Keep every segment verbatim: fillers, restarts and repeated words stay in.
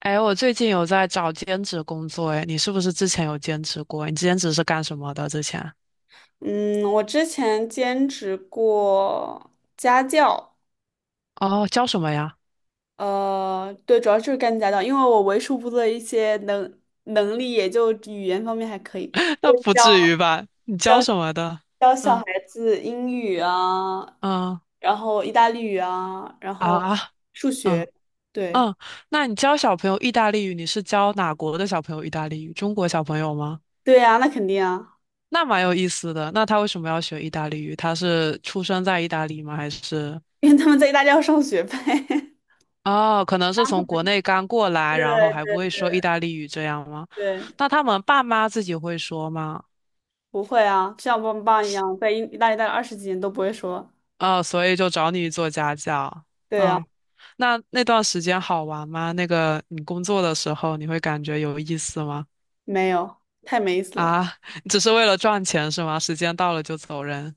哎，我最近有在找兼职工作，哎，你是不是之前有兼职过？你兼职是干什么的？之前？嗯，我之前兼职过家教，哦，教什么呀？呃，对，主要就是干家教，因为我为数不多的一些能能力，也就语言方面还可以，那不教至于吧？你教教什么的？教小孩嗯子英语啊，嗯。然后意大利语啊，然后啊。数嗯学，对，嗯，那你教小朋友意大利语，你是教哪国的小朋友意大利语？中国小朋友吗？对呀，那肯定啊，那蛮有意思的。那他为什么要学意大利语？他是出生在意大利吗？还是？因为他们在意大利要上学呗。哦，可能是从国内刚过来，然后还对不会说意大利语这样吗？对，那他们爸妈自己会说吗？不会啊，像我爸爸一样，在意意大利待了二十几年都不会说，哦，所以就找你做家教。对啊，嗯，那那段时间好玩吗？那个你工作的时候，你会感觉有意思吗？没有，太没意思了。啊，只是为了赚钱是吗？时间到了就走人。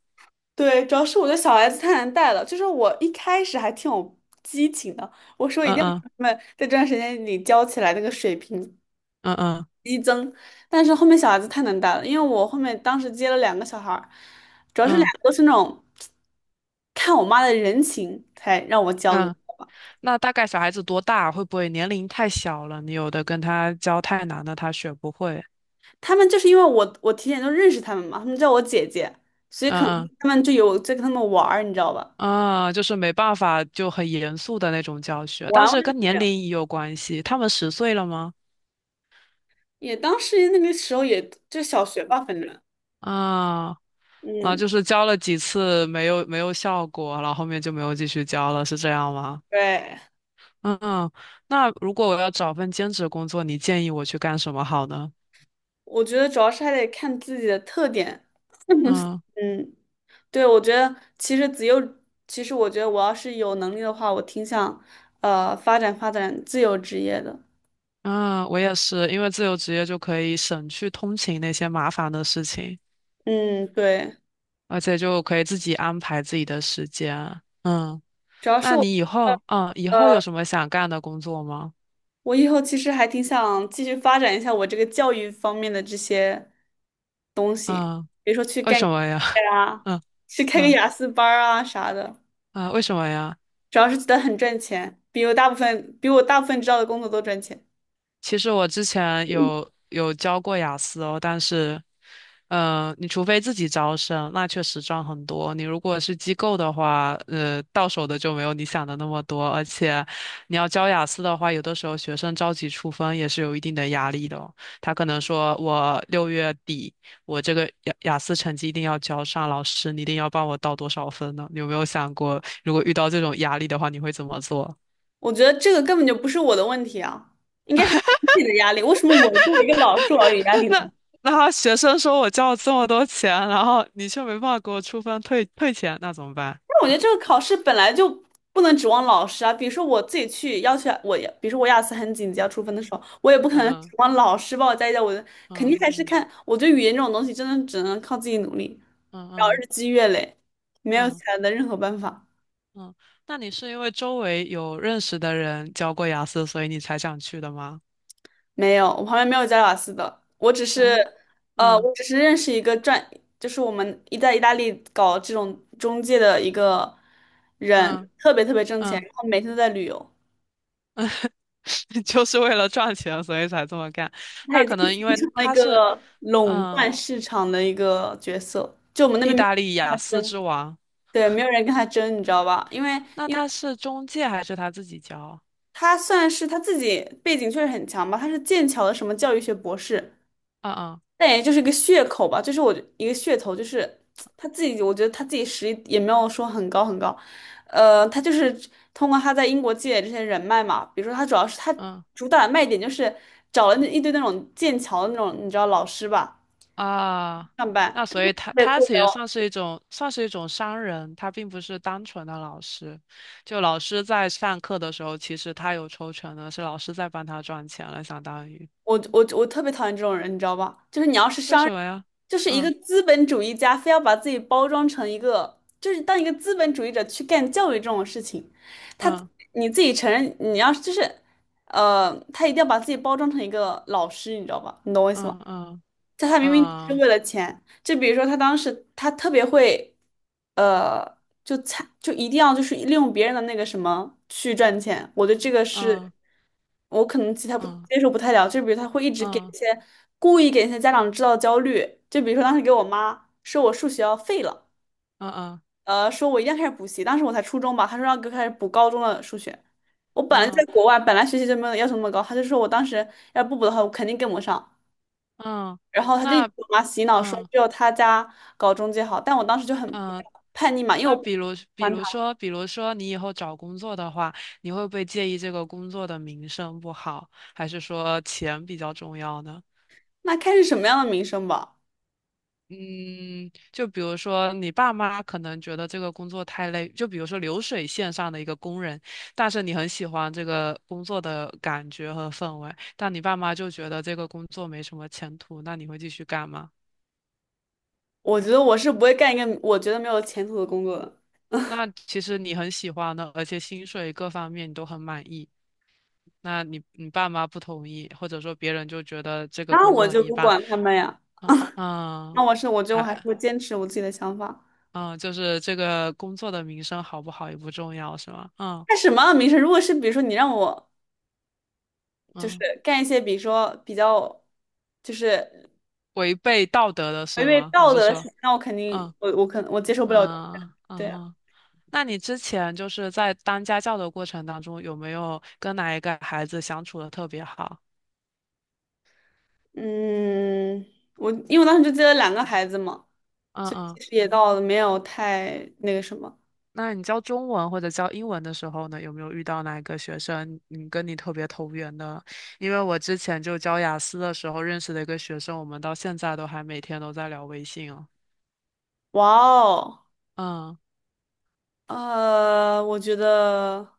对，主要是我觉得小孩子太难带了。就是我一开始还挺有激情的，我说一嗯定要把嗯他们在这段时间里教起来那个水平。嗯嗯但是后面小孩子太难带了，因为我后面当时接了两个小孩儿，主要是两嗯个都是那种看我妈的人情才让我教你。嗯。那大概小孩子多大？会不会年龄太小了？你有的跟他教太难了，他学不会。他们就是因为我我提前就认识他们嘛，他们叫我姐姐，所以可嗯能嗯。他们就有在跟他们玩儿，你知道吧？啊，就是没办法，就很严肃的那种教学，玩但玩是跟就没年有。龄也有关系。他们十岁了吗？也当时那个时候也就小学吧，反正啊，那嗯，就是教了几次没有没有效果，然后后面就没有继续教了，是这样吗？对。嗯。嗯。那如果我要找份兼职工作，你建议我去干什么好呢？我觉得主要是还得看自己的特点。嗯嗯，对，我觉得其实自由，其实我觉得我要是有能力的话，我挺想呃发展发展自由职业的。嗯，我也是，因为自由职业就可以省去通勤那些麻烦的事情，嗯，对，而且就可以自己安排自己的时间。嗯，主要是那我你以后，嗯，以后有呃，什么想干的工作吗？我以后其实还挺想继续发展一下我这个教育方面的这些，嗯，比如说去为干什么呀？啊，嗯去开个嗯。雅思班儿啊啥的。啊，为什么呀？主要是觉得很赚钱，比我大部分比我大部分知道的工作都赚钱。其实我之前有有教过雅思哦，但是，呃，你除非自己招生，那确实赚很多。你如果是机构的话，呃，到手的就没有你想的那么多，而且你要教雅思的话，有的时候学生着急出分也是有一定的压力的哦。他可能说我六月底我这个雅雅思成绩一定要交上，老师你一定要帮我到多少分呢？你有没有想过，如果遇到这种压力的话，你会怎么做？我觉得这个根本就不是我的问题啊，应该是整体的压力。为什么我作为一个老师，我要有压力呢？那那学生说我交了这么多钱，然后你却没办法给我出分退退钱，那怎么办？但我觉得这个考试本来就不能指望老师啊。比如说我自己去要求我，比如说我雅思很紧急要出分的时候，我也不可能指嗯望老师帮我加一加我的，肯定嗯嗯还是嗯看。我觉得语言这种东西真的只能靠自己努力，然后嗯日积月累，没有嗯其嗯他的任何办法。嗯。那你是因为周围有认识的人教过雅思，所以你才想去的吗？没有，我旁边没有加瓦斯的，我只是，嗯呃，嗯我只是认识一个转，就是我们一在意大利搞这种中介的一个人，嗯特别特别挣钱，嗯。然后每天都在旅游，就是为了赚钱，所以才这么干。他那已经可能因形为成了一他是个垄嗯断市场的一个角色，就我们那意边没有大利人跟雅他思争，之王，对，没有人跟他争，你知道吧？因为那因为他是中介还是他自己教？他算是他自己背景确实很强吧，他是剑桥的什么教育学博士。嗯嗯但也就是一个噱口吧，就是我一个噱头，就是他自己，我觉得他自己实力也没有说很高很高，呃，他就是通过他在英国积累这些人脉嘛，比如说他主要是他嗯。主打的卖点就是找了那一堆那种剑桥的那种你知道老师吧啊，上班，那所以他对，他雇其实聊算是一种算是一种商人，他并不是单纯的老师。就老师在上课的时候，其实他有抽成的，是老师在帮他赚钱了，相当于。我我我特别讨厌这种人，你知道吧？就是你要是为商。什么呀？就是一个嗯资本主义家非要把自己包装成一个，就是当一个资本主义者去干教育这种事情，他嗯你自己承认，你要就是，呃，他一定要把自己包装成一个老师，你知道吧？你懂我意思吗？嗯嗯但他明明只是嗯为了钱。就比如说，他当时他特别会，呃，就参就一定要就是利用别人的那个什么去赚钱。我对这个是，嗯我可能其他不嗯接受不太了。就比如他会一直给一嗯些故意给一些家长制造焦虑。就比如说当时给我妈说我数学要废了，嗯嗯呃，说我一定要开始补习。当时我才初中吧，他说要给我开始补高中的数学。我本来嗯在嗯。国外，本来学习就没有要求那么高，他就说我当时要不补的话，我肯定跟不上。嗯然后他就一直那给我妈洗脑说嗯只有他家搞中介好，但我当时就很嗯叛逆嘛，因为那我不喜比如，比欢他。如说，比如说，你以后找工作的话，你会不会介意这个工作的名声不好，还是说钱比较重要呢？那开是什么样的名声吧？嗯，就比如说你爸妈可能觉得这个工作太累，就比如说流水线上的一个工人，但是你很喜欢这个工作的感觉和氛围，但你爸妈就觉得这个工作没什么前途，那你会继续干吗？我觉得我是不会干一个我觉得没有前途的工作的，那其实你很喜欢的，而且薪水各方面你都很满意。那你你爸妈不同意，或者说别人就觉得这个那工我作很就一不般，管他们呀。嗯嗯。那我是我觉得我还是哎。会坚持我自己的想法。嗯，就是这个工作的名声好不好也不重要，是吗？嗯干什么样的名声？如果是比如说你让我就是嗯，干一些比如说比较就是违背道德的违是背吗？你道是德的事说，情，那我肯定嗯我我可能我接受不了。嗯对。嗯，那你之前就是在当家教的过程当中，有没有跟哪一个孩子相处的特别好？嗯，我因为我当时就接了两个孩子嘛，嗯所以其嗯。实也到了没有太那个什么。那你教中文或者教英文的时候呢，有没有遇到哪个学生你跟你特别投缘的？因为我之前就教雅思的时候认识的一个学生，我们到现在都还每天都在聊微信哦。哇哦，嗯呃，我觉得，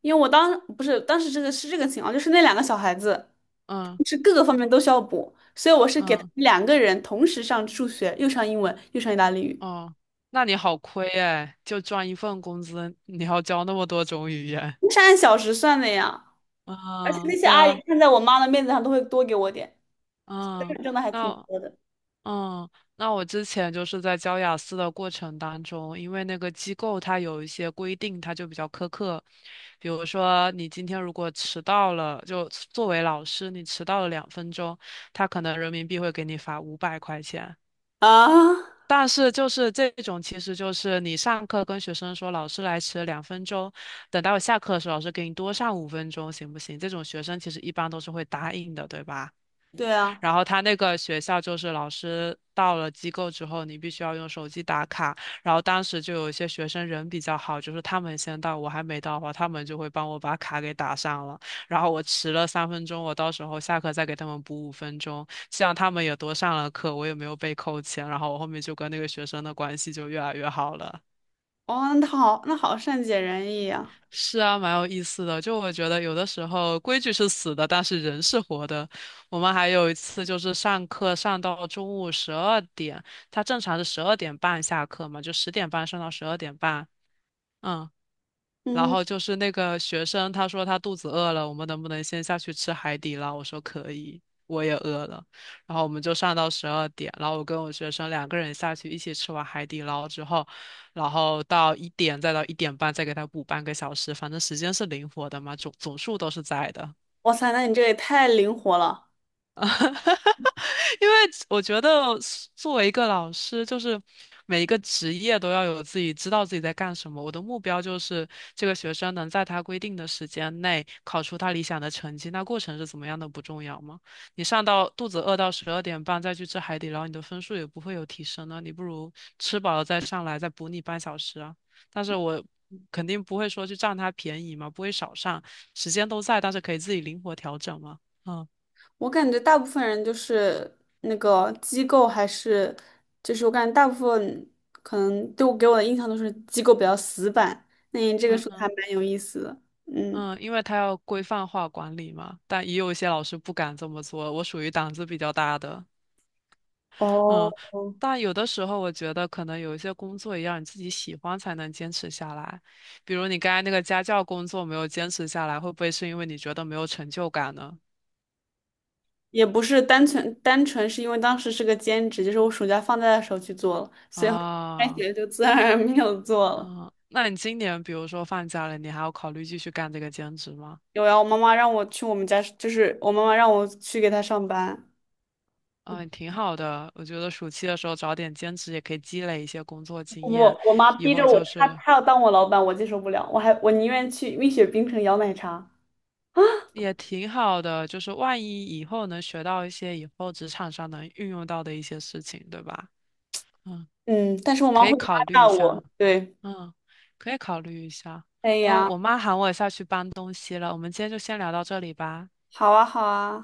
因为我当不是当时这个是这个情况，就是那两个小孩子嗯是各个方面都需要补，所以我是给他嗯。们两个人同时上数学，又上英文，又上意大利语，哦，那你好亏哎，就赚一份工资，你要教那么多种语言。那是按小时算的呀。而且那嗯，些对阿姨啊。看在我妈的面子上，都会多给我点，嗯。挣的还挺那多的嗯，那我之前就是在教雅思的过程当中，因为那个机构它有一些规定，它就比较苛刻。比如说，你今天如果迟到了，就作为老师，你迟到了两分钟，他可能人民币会给你罚五百块钱。啊。但是就是这种，其实就是你上课跟学生说老师来迟了两分钟，等到下课的时候老师给你多上五分钟，行不行？这种学生其实一般都是会答应的，对吧？对啊。然后他那个学校就是老师到了机构之后，你必须要用手机打卡。然后当时就有一些学生人比较好，就是他们先到，我还没到的话，他们就会帮我把卡给打上了。然后我迟了三分钟，我到时候下课再给他们补五分钟，这样他们也多上了课，我也没有被扣钱。然后我后面就跟那个学生的关系就越来越好了。哦，那好，那好善解人意呀、是啊，蛮有意思的。就我觉得有的时候规矩是死的，但是人是活的。我们还有一次就是上课上到中午十二点，他正常是十二点半下课嘛，就十点半上到十二点半。嗯，然嗯，后就是那个学生，他说他肚子饿了，我们能不能先下去吃海底捞？我说可以，我也饿了。然后我们就上到十二点，然后我跟我学生两个人下去一起吃完海底捞之后，然后到一点再到一点半再给他补半个小时，反正时间是灵活的嘛，总总数都是在的。哇塞，那你这也太灵活了。因为我觉得作为一个老师，就是每一个职业都要有自己知道自己在干什么。我的目标就是这个学生能在他规定的时间内考出他理想的成绩，那过程是怎么样的不重要吗？你上到肚子饿到十二点半再去吃海底捞，你的分数也不会有提升呢。你不如吃饱了再上来，再补你半小时啊。但是我肯定不会说去占他便宜嘛，不会少上，时间都在，但是可以自己灵活调整嘛。嗯我感觉大部分人就是那个机构还是，就是我感觉大部分可能对我给我的印象都是机构比较死板。那你这个嗯说的还蛮有意思的。嗯，嗯，因为他要规范化管理嘛，但也有一些老师不敢这么做。我属于胆子比较大的，哦，嗯，但有的时候我觉得可能有一些工作也要你自己喜欢才能坚持下来。比如你刚才那个家教工作没有坚持下来，会不会是因为你觉得没有成就感呢？也不是单纯单纯是因为当时是个兼职，就是我暑假放假的时候去做了，开啊。学就自然而然没有做了。嗯，那你今年比如说放假了，你还要考虑继续干这个兼职吗？有呀，我妈妈让我去我们家，就是我妈妈让我去给她上班。嗯，挺好的。我觉得暑期的时候找点兼职也可以积累一些工作经验，我我妈以逼着后我，就她是她要当我老板，我接受不了，我还我宁愿去蜜雪冰城摇奶茶。也挺好的，就是万一以后能学到一些以后职场上能运用到的一些事情，对吧？嗯，嗯，但是我妈可以会压考虑榨一下。我。对，嗯，可以考虑一下。哎哦，呀，我妈喊我下去搬东西了，我们今天就先聊到这里吧。好啊好啊。